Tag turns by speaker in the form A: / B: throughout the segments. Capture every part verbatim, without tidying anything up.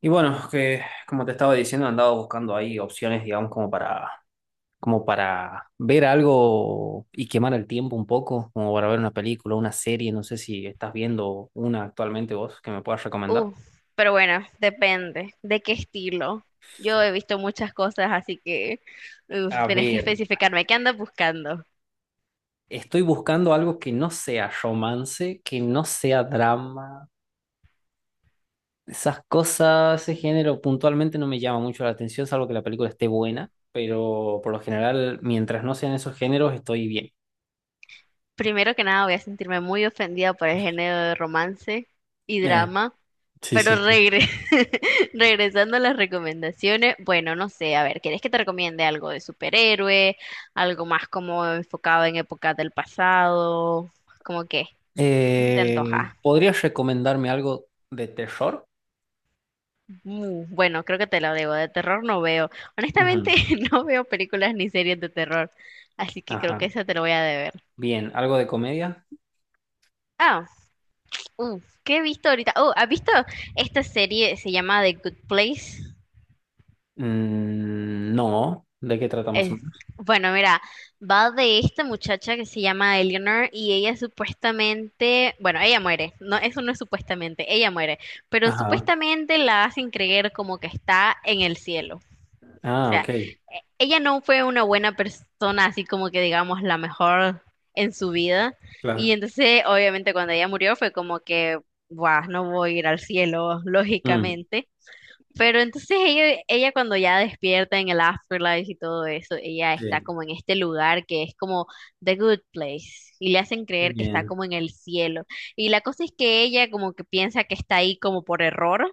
A: Y bueno, que como te estaba diciendo, andaba buscando ahí opciones, digamos, como para, como para ver algo y quemar el tiempo un poco, como para ver una película, una serie, no sé si estás viendo una actualmente vos que me puedas recomendar.
B: Uf, pero bueno, depende de qué estilo. Yo he visto muchas cosas, así que uf,
A: A
B: tenés que
A: ver,
B: especificarme qué andas buscando.
A: estoy buscando algo que no sea romance, que no sea drama, esas cosas, ese género puntualmente no me llama mucho la atención, salvo que la película esté buena, pero por lo general, mientras no sean esos géneros, estoy bien.
B: Primero que nada, voy a sentirme muy ofendida por el género de romance y
A: Eh,
B: drama,
A: Sí,
B: pero
A: sí, sí.
B: regre- regresando a las recomendaciones, bueno, no sé, a ver, ¿querés que te recomiende algo de superhéroe, algo más como enfocado en épocas del pasado, como qué? ¿Qué se te
A: Eh,
B: antoja?
A: ¿podrías recomendarme algo de terror?
B: Mm, bueno, creo que te lo debo. De terror no veo. Honestamente,
A: Ujú.
B: no veo películas ni series de terror. Así que creo que
A: Ajá.
B: esa te lo voy a deber.
A: Bien, ¿algo de comedia?
B: Ah, uh, ¿qué he visto ahorita? Oh, ¿has visto esta serie? Se llama The Good Place.
A: Mm, no. ¿De qué trata más o
B: Es-
A: menos?
B: bueno, mira, va de esta muchacha que se llama Eleanor y ella supuestamente, bueno, ella muere. No, eso no es supuestamente, ella muere. Pero
A: Ajá.
B: supuestamente la hacen creer como que está en el cielo. O
A: Ah,
B: sea,
A: ok.
B: e- ella no fue una buena persona, así como que digamos la mejor en su vida. Y
A: Claro.
B: entonces, obviamente, cuando ella murió fue como que, guau, no voy a ir al cielo,
A: Mm,
B: lógicamente. Pero entonces ella, ella cuando ya despierta en el afterlife y todo eso, ella está
A: sí.
B: como en este lugar que es como the good place y le hacen creer que está
A: Bien.
B: como en el cielo. Y la cosa es que ella como que piensa que está ahí como por error.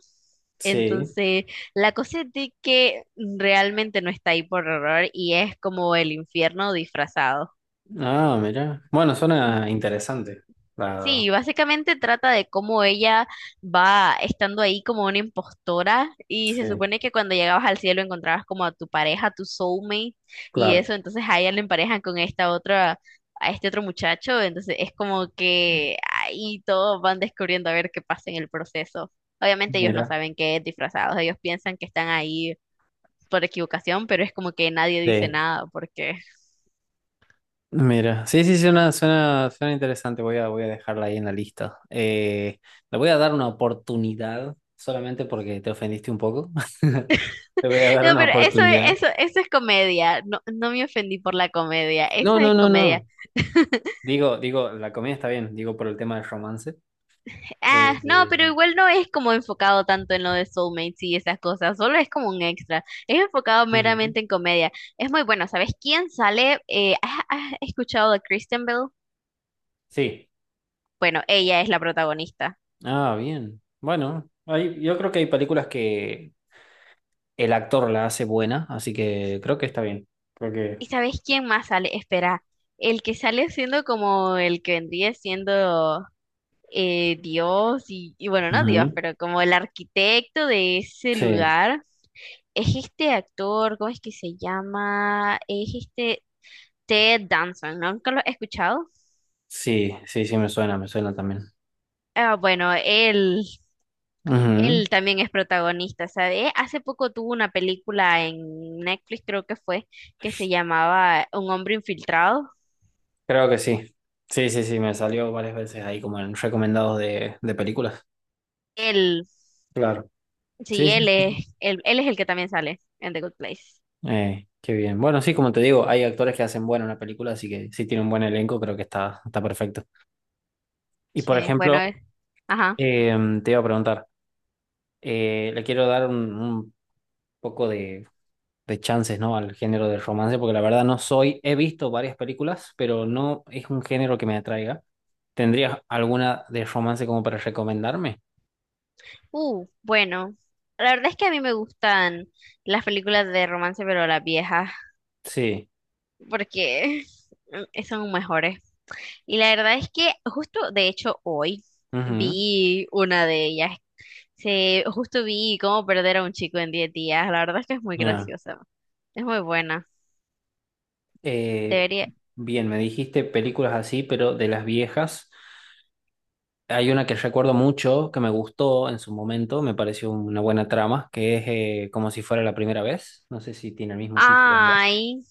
A: Sí.
B: Entonces, la cosa es de que realmente no está ahí por error y es como el infierno disfrazado.
A: Ah, mira. Bueno, suena interesante. Claro.
B: Sí, básicamente trata de cómo ella va estando ahí como una impostora y se
A: Sí,
B: supone que cuando llegabas al cielo encontrabas como a tu pareja, tu soulmate y
A: claro.
B: eso, entonces a ella le emparejan con esta otra, a este otro muchacho, entonces es como que ahí todos van descubriendo a ver qué pasa en el proceso. Obviamente ellos no
A: Mira.
B: saben que es disfrazados, ellos piensan que están ahí por equivocación, pero es como que nadie dice
A: Sí.
B: nada porque
A: Mira, sí, sí, suena, suena, suena interesante. Voy a, voy a dejarla ahí en la lista. Eh, le voy a dar una oportunidad, solamente porque te ofendiste un poco. Le voy a dar
B: no,
A: una
B: pero eso,
A: oportunidad.
B: eso, eso es comedia. No, no me ofendí por la comedia.
A: No,
B: Esa
A: no,
B: es
A: no,
B: comedia.
A: no. Digo, digo, la comida está bien, digo por el tema del romance. Eh,
B: Ah, no,
A: eh,
B: pero igual no es como enfocado tanto en lo de soulmates y esas cosas. Solo es como un extra. Es enfocado
A: ujú.
B: meramente en comedia. Es muy bueno. ¿Sabes quién sale? Eh, ¿has, has escuchado de Kristen Bell?
A: Sí.
B: Bueno, ella es la protagonista.
A: Ah, bien. Bueno, hay- yo creo que hay películas que el actor la hace buena, así que creo que está bien. Creo que.
B: ¿Y sabes quién más sale? Espera, el que sale siendo como el que vendría siendo eh, Dios y, y bueno, no Dios,
A: Ujú.
B: pero como el arquitecto de ese
A: Sí,
B: lugar. Es este actor, ¿cómo es que se llama? Es este Ted Danson, ¿no? ¿Nunca lo he escuchado?
A: sí, sí, sí, me suena, me suena también.
B: Ah, bueno, él,
A: Ujú.
B: él también es protagonista, ¿sabes? Hace poco tuvo una película en Netflix, creo que fue, que se llamaba Un hombre infiltrado.
A: Creo que sí. Sí, sí, sí, me salió varias veces ahí como en recomendados de, de películas.
B: Él,
A: Claro.
B: sí,
A: Sí,
B: él
A: sí.
B: es, él, él es el que también sale en The Good Place.
A: Eh, qué bien. Bueno, sí, como te digo, hay actores que hacen buena una película, así que si tiene un buen elenco, creo que está, está perfecto. Y por
B: Sí, bueno,
A: ejemplo,
B: eh, ajá.
A: eh, te iba a preguntar, eh, le quiero dar un, un poco de, de chances, ¿no? Al género del romance, porque la verdad no soy, he visto varias películas, pero no es un género que me atraiga. ¿Tendrías alguna de romance como para recomendarme?
B: Uh, bueno, la verdad es que a mí me gustan las películas de romance, pero las viejas,
A: Sí.
B: porque mm, son mejores. Y la verdad es que justo, de hecho, hoy
A: Ujú.
B: vi una de ellas. Se, justo vi cómo perder a un chico en diez días. La verdad es que es muy
A: Ya.
B: graciosa. Es muy buena.
A: Eh,
B: Debería.
A: bien, me dijiste películas así, pero de las viejas. Hay una que recuerdo mucho, que me gustó en su momento, me pareció una buena trama, que es eh, como si fuera la primera vez. No sé si tiene el mismo título ya,
B: Ay,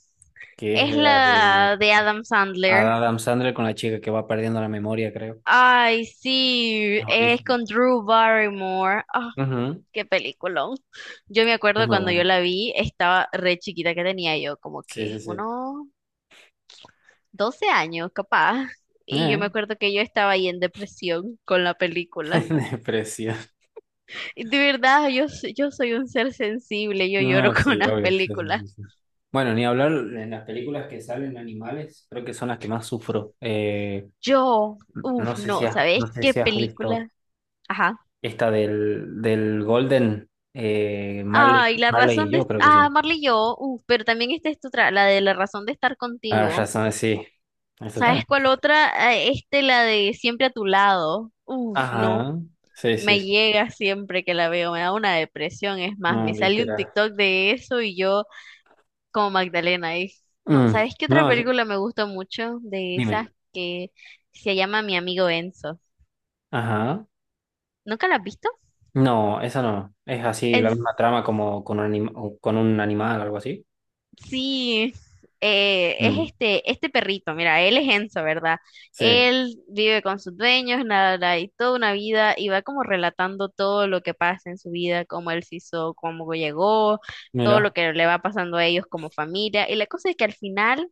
A: que es
B: es
A: de la de
B: la de Adam Sandler.
A: Adam Sandler con la chica que va perdiendo la memoria, creo.
B: Ay, sí,
A: Es
B: es
A: buenísimo.
B: con Drew Barrymore. Ah,
A: Ujú.
B: qué peliculón. Yo me
A: Es
B: acuerdo
A: muy
B: cuando yo
A: bueno.
B: la vi, estaba re chiquita, que tenía yo, como
A: Sí,
B: que
A: sí, sí.
B: unos doce años, capaz. Y yo me
A: Eh,
B: acuerdo que yo estaba ahí en depresión con la película.
A: Depresión.
B: Y de verdad, yo, s- yo soy un ser sensible, yo lloro
A: No,
B: con
A: sí,
B: las
A: obvio. Sí, sí,
B: películas.
A: sí, sí. Bueno, ni hablar en las películas que salen animales, creo que son las que más sufro. Eh,
B: Yo,
A: No
B: uff,
A: sé si
B: no,
A: has,
B: ¿sabes
A: no sé
B: qué
A: si has visto
B: película? Ajá.
A: esta del, del Golden, eh, Marley,
B: Ay, la
A: Marley y
B: razón de...
A: yo, creo que
B: Ah,
A: sí.
B: Marley y yo, uff, pero también esta es tu otra, la de la razón de estar
A: Ah, ya
B: contigo.
A: sabes, sí. Eso
B: ¿Sabes
A: también.
B: cuál otra? Eh, Este, la de siempre a tu lado. Uff, no.
A: Ajá. Sí, sí,
B: Me
A: sí.
B: llega siempre que la veo, me da una depresión, es más,
A: No,
B: me sale un
A: literal.
B: TikTok de eso y yo... como Magdalena es. No,
A: Mm,
B: ¿sabes qué otra
A: no, sí,
B: película me gusta mucho de
A: dime.
B: esas, que se llama Mi amigo Enzo?
A: Ajá.
B: ¿Nunca la has visto?
A: No, esa no. Es así, la misma trama como con un, anim- o con un animal, algo así.
B: Sí, eh, es
A: Mm.
B: este, este perrito, mira, él es Enzo, ¿verdad?
A: Sí.
B: Él vive con sus dueños, nada, nada, y toda una vida, y va como relatando todo lo que pasa en su vida, cómo él se hizo, cómo llegó, todo lo
A: Mira.
B: que le va pasando a ellos como familia. Y la cosa es que al final,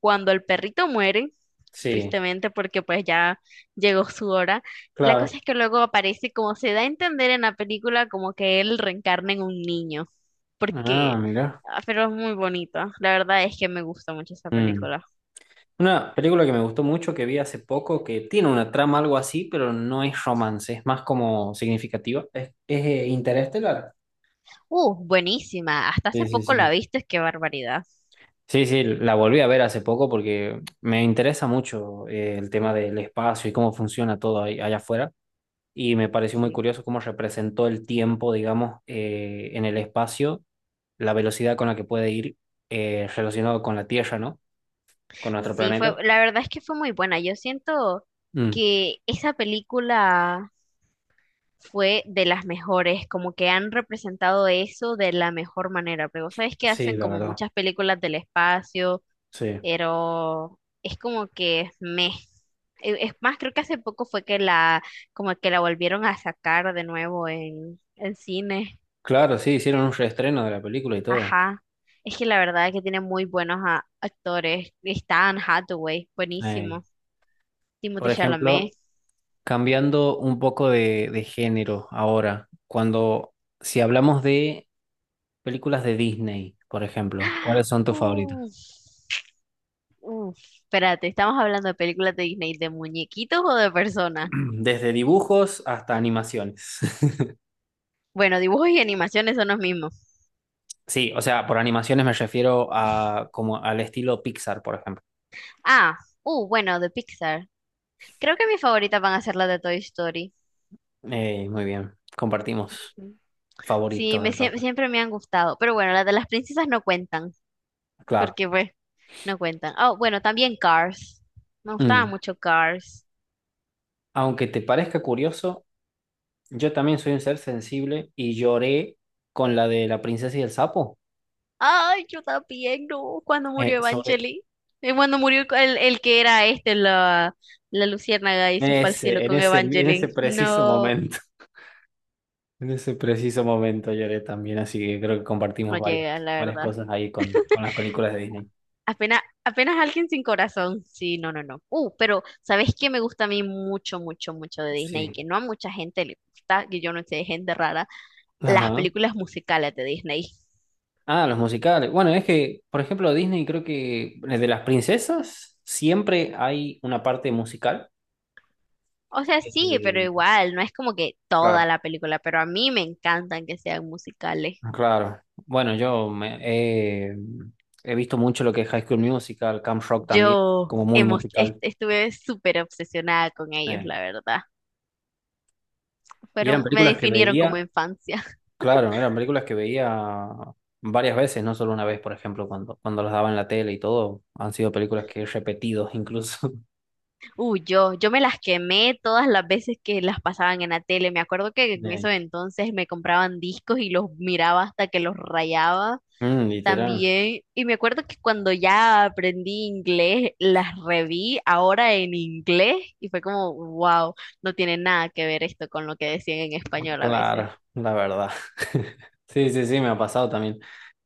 B: cuando el perrito muere,
A: Sí,
B: tristemente porque pues ya llegó su hora, la
A: claro.
B: cosa es que luego aparece, como se da a entender en la película, como que él reencarna en un niño.
A: Ah,
B: Porque
A: mira.
B: ah, pero es muy bonito. La verdad es que me gusta mucho esa
A: Mm.
B: película.
A: Una película que me gustó mucho, que vi hace poco, que tiene una trama algo así, pero no es romance, es más como significativa. Es, es eh, Interestelar.
B: Uh, buenísima. Hasta
A: Sí,
B: hace
A: sí,
B: poco la
A: sí.
B: viste, qué barbaridad.
A: Sí, sí, la volví a ver hace poco porque me interesa mucho eh, el tema del espacio y cómo funciona todo ahí- allá afuera. Y me pareció muy
B: Sí.
A: curioso cómo representó el tiempo, digamos, eh, en el espacio, la velocidad con la que puede ir eh, relacionado con la Tierra, ¿no? Con nuestro
B: Sí, fue,
A: planeta.
B: la verdad es que fue muy buena. Yo siento
A: Mm,
B: que esa película fue de las mejores, como que han representado eso de la mejor manera. Pero sabes que
A: sí,
B: hacen
A: la
B: como
A: verdad.
B: muchas películas del espacio,
A: Sí.
B: pero es como que me e, es más, creo que hace poco fue que la, como que la volvieron a sacar de nuevo en, en cine.
A: Claro, sí, hicieron un reestreno de la película y todo.
B: Ajá. Es que la verdad es que tiene muy buenos a- actores. Está Anne Hathaway,
A: Ey.
B: buenísimo. Timothée
A: Por
B: Chalamet.
A: ejemplo, cambiando un poco de, de género ahora, cuando, si hablamos de películas de Disney, por ejemplo,
B: ¡Ah!
A: ¿cuáles son tus favoritos?
B: Uf, uf. Espérate, ¿estamos hablando de películas de Disney, de muñequitos o de personas?
A: Desde dibujos hasta animaciones.
B: Bueno, dibujos y animaciones son los mismos.
A: Sí, o sea, por animaciones me refiero a como al estilo Pixar, por ejemplo.
B: Ah, uh, bueno, de Pixar. Creo que mis favoritas van a ser las de Toy Story.
A: Eh, muy bien, compartimos
B: Ujú. Sí,
A: favoritos
B: me, sie-
A: entonces.
B: siempre me han gustado. Pero bueno, las de las princesas no cuentan,
A: Claro.
B: porque pues no cuentan. Oh, bueno, también Cars. Me gustaba
A: Mm.
B: mucho Cars.
A: Aunque te parezca curioso, yo también soy un ser sensible y lloré con la de la princesa y el sapo.
B: Ay, yo también, no. Cuando
A: Eh,
B: murió
A: sobre
B: Evangeli. Eh, Cuando murió el, el que era este, la, la luciérnaga y
A: en
B: se fue al cielo
A: ese, en
B: con
A: ese, en ese
B: Evangeline.
A: preciso
B: No,
A: momento. En ese preciso momento lloré también, así que creo que compartimos
B: no
A: varias,
B: llega, la
A: varias
B: verdad.
A: cosas ahí con, con las películas de Disney.
B: Apenas, apenas alguien sin corazón. Sí, no, no, no. Uh, pero ¿sabes qué me gusta a mí mucho, mucho, mucho de Disney? Y
A: Sí.
B: que no a mucha gente le gusta, que yo no sé, gente rara, las
A: Ajá.
B: películas musicales de Disney.
A: Ah, los musicales. Bueno, es que, por ejemplo, Disney creo que eh, de las princesas siempre hay una parte musical.
B: O sea, sí, pero
A: Eh,
B: igual, no es como que toda
A: claro.
B: la película, pero a mí me encantan que sean musicales.
A: Claro. Bueno, yo me- eh, he visto mucho lo que es High School Musical, Camp Rock también,
B: Yo
A: como muy
B: hemos, est-
A: musical.
B: estuve súper obsesionada con ellos,
A: eh.
B: la verdad.
A: Y eran
B: Fueron, me
A: películas que
B: definieron como
A: veía,
B: infancia.
A: claro, eran películas que veía varias veces, no solo una vez, por ejemplo, cuando, cuando las daban en la tele y todo. Han sido películas que he repetido incluso.
B: Uh, yo, yo me las quemé todas las veces que las pasaban en la tele. Me acuerdo que en esos
A: Eh,
B: entonces me compraban discos y los miraba hasta que los rayaba
A: mm, literal.
B: también. Y me acuerdo que cuando ya aprendí inglés, las reví ahora en inglés y fue como, wow, no tiene nada que ver esto con lo que decían en español a veces.
A: Claro, la verdad. Sí, sí, sí, me ha pasado también.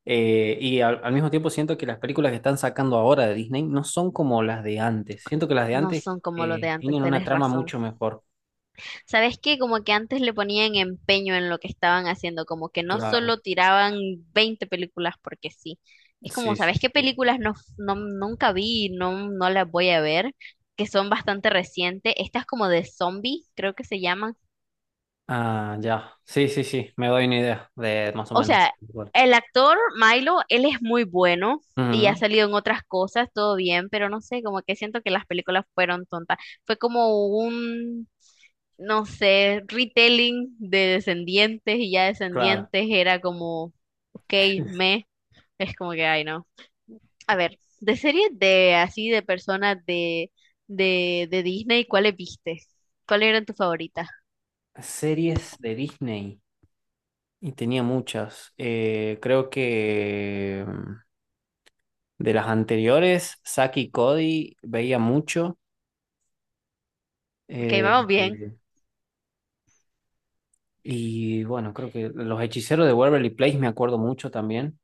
A: Eh, y al, al mismo tiempo siento que las películas que están sacando ahora de Disney no son como las de antes. Siento que las de
B: No
A: antes
B: son como los de
A: eh,
B: antes,
A: tienen una
B: tenés
A: trama
B: razón.
A: mucho mejor.
B: ¿Sabes qué? Como que antes le ponían empeño en lo que estaban haciendo, como que no
A: Claro.
B: solo tiraban veinte películas porque sí. Es como,
A: Sí, sí,
B: ¿sabes qué
A: sí.
B: películas no, no- nunca vi, no, no las voy a ver, que son bastante recientes? Estas como de zombie, creo que se llaman.
A: Ah, ya. Sí, sí, sí. Me doy una idea de más o
B: O
A: menos.
B: sea,
A: Bueno.
B: el actor Milo, él es muy bueno y ha
A: Ujú.
B: salido en otras cosas, todo bien, pero no sé, como que siento que las películas fueron tontas. Fue como un no sé, retelling de descendientes, y ya
A: Claro.
B: descendientes era como, ok, me, es como que, ay, no. A ver, de series de así, de personas de, de, de Disney, ¿cuáles viste? ¿Cuáles eran tus favoritas?
A: Series de Disney. Y tenía muchas. Eh, creo que mm, de las anteriores, Zack y Cody veía mucho.
B: Ok,
A: Eh,
B: vamos bien.
A: eh, y bueno, creo que Los Hechiceros de Waverly Place me acuerdo mucho también,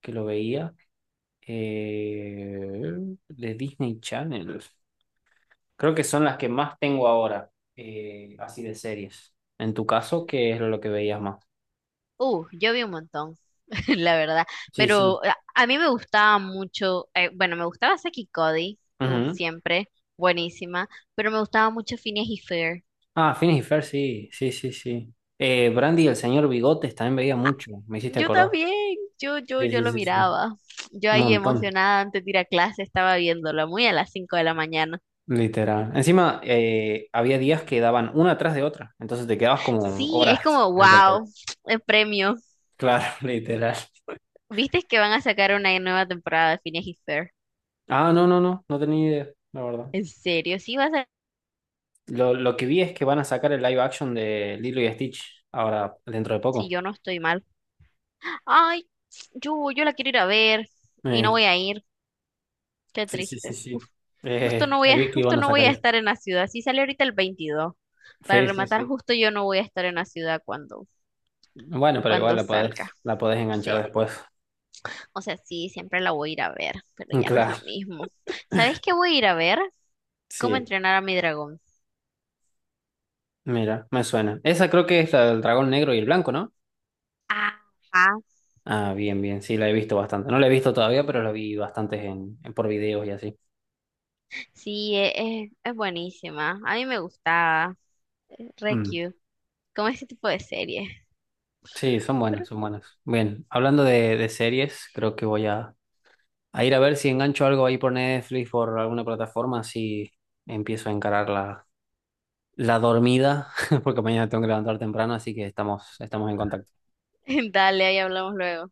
A: que lo veía. Eh, de Disney Channel. Creo que son las que más tengo ahora, eh, así de series. En tu caso, ¿qué es lo que veías más?
B: Uh, yo vi un montón, la verdad.
A: Sí, sí.
B: Pero a, a mí me gustaba mucho, eh, bueno, me gustaba Saki Cody, uh,
A: Ujú.
B: siempre, buenísima, pero me gustaba mucho Phineas y Fer.
A: Ah, Phineas y Fer sí, sí, sí, sí. Eh, Brandy y el señor Bigotes también veía mucho, me hiciste
B: Yo
A: acordar.
B: también, yo, yo,
A: Sí,
B: yo
A: sí,
B: lo
A: sí, sí.
B: miraba. Yo
A: Un
B: ahí
A: montón.
B: emocionada antes de ir a clase estaba viéndolo, muy a las cinco de la mañana.
A: Literal. Encima, eh, había días que daban una atrás de otra, entonces te quedabas como
B: Sí, es
A: horas
B: como,
A: frente al T V.
B: wow, el premio.
A: Claro, literal.
B: ¿Viste que van a sacar una nueva temporada de Phineas y Fer?
A: Ah, no, no, no, no tenía idea, la verdad.
B: ¿En serio? Sí, va a ser,
A: Lo, lo que vi es que van a sacar el live action de Lilo y Stitch ahora, dentro de
B: si
A: poco.
B: yo no estoy mal. Ay, yo, yo la quiero ir a ver y no
A: Eh,
B: voy a ir. Qué
A: sí, sí, sí,
B: triste. Uf,
A: sí.
B: justo
A: Eh,
B: no voy
A: vi
B: a,
A: que
B: justo
A: iban a
B: no voy
A: sacar
B: a
A: eso.
B: estar en la ciudad. Sí, sale ahorita el veintidós. Para
A: Sí, sí,
B: rematar,
A: sí.
B: justo yo no voy a estar en la ciudad cuando,
A: Bueno, pero igual
B: cuando
A: la
B: salga.
A: podés, la podés
B: O
A: enganchar
B: sea,
A: después.
B: O sea, sí, siempre la voy a ir a ver, pero ya no es lo
A: Claro,
B: mismo. ¿Sabes qué voy a ir a ver? ¿Cómo
A: sí.
B: entrenar a mi dragón?
A: Mira, me suena. Esa creo que es la del dragón negro y el blanco, ¿no?
B: Ajá.
A: Ah, bien, bien, sí, la he visto bastante. No la he visto todavía, pero la vi bastantes en, en- por videos y así.
B: Sí, e- es, es buenísima. A mí me gustaba, eh, re
A: Mm.
B: cute. Como ese tipo de serie.
A: Sí, son
B: Pero
A: buenas, son buenas. Bien, hablando de, de series, creo que voy a, a ir a ver si engancho algo ahí por Netflix, por alguna plataforma, así empiezo a encarar la, la dormida, porque mañana tengo que levantar temprano, así que estamos, estamos en contacto.
B: dale, ahí hablamos luego.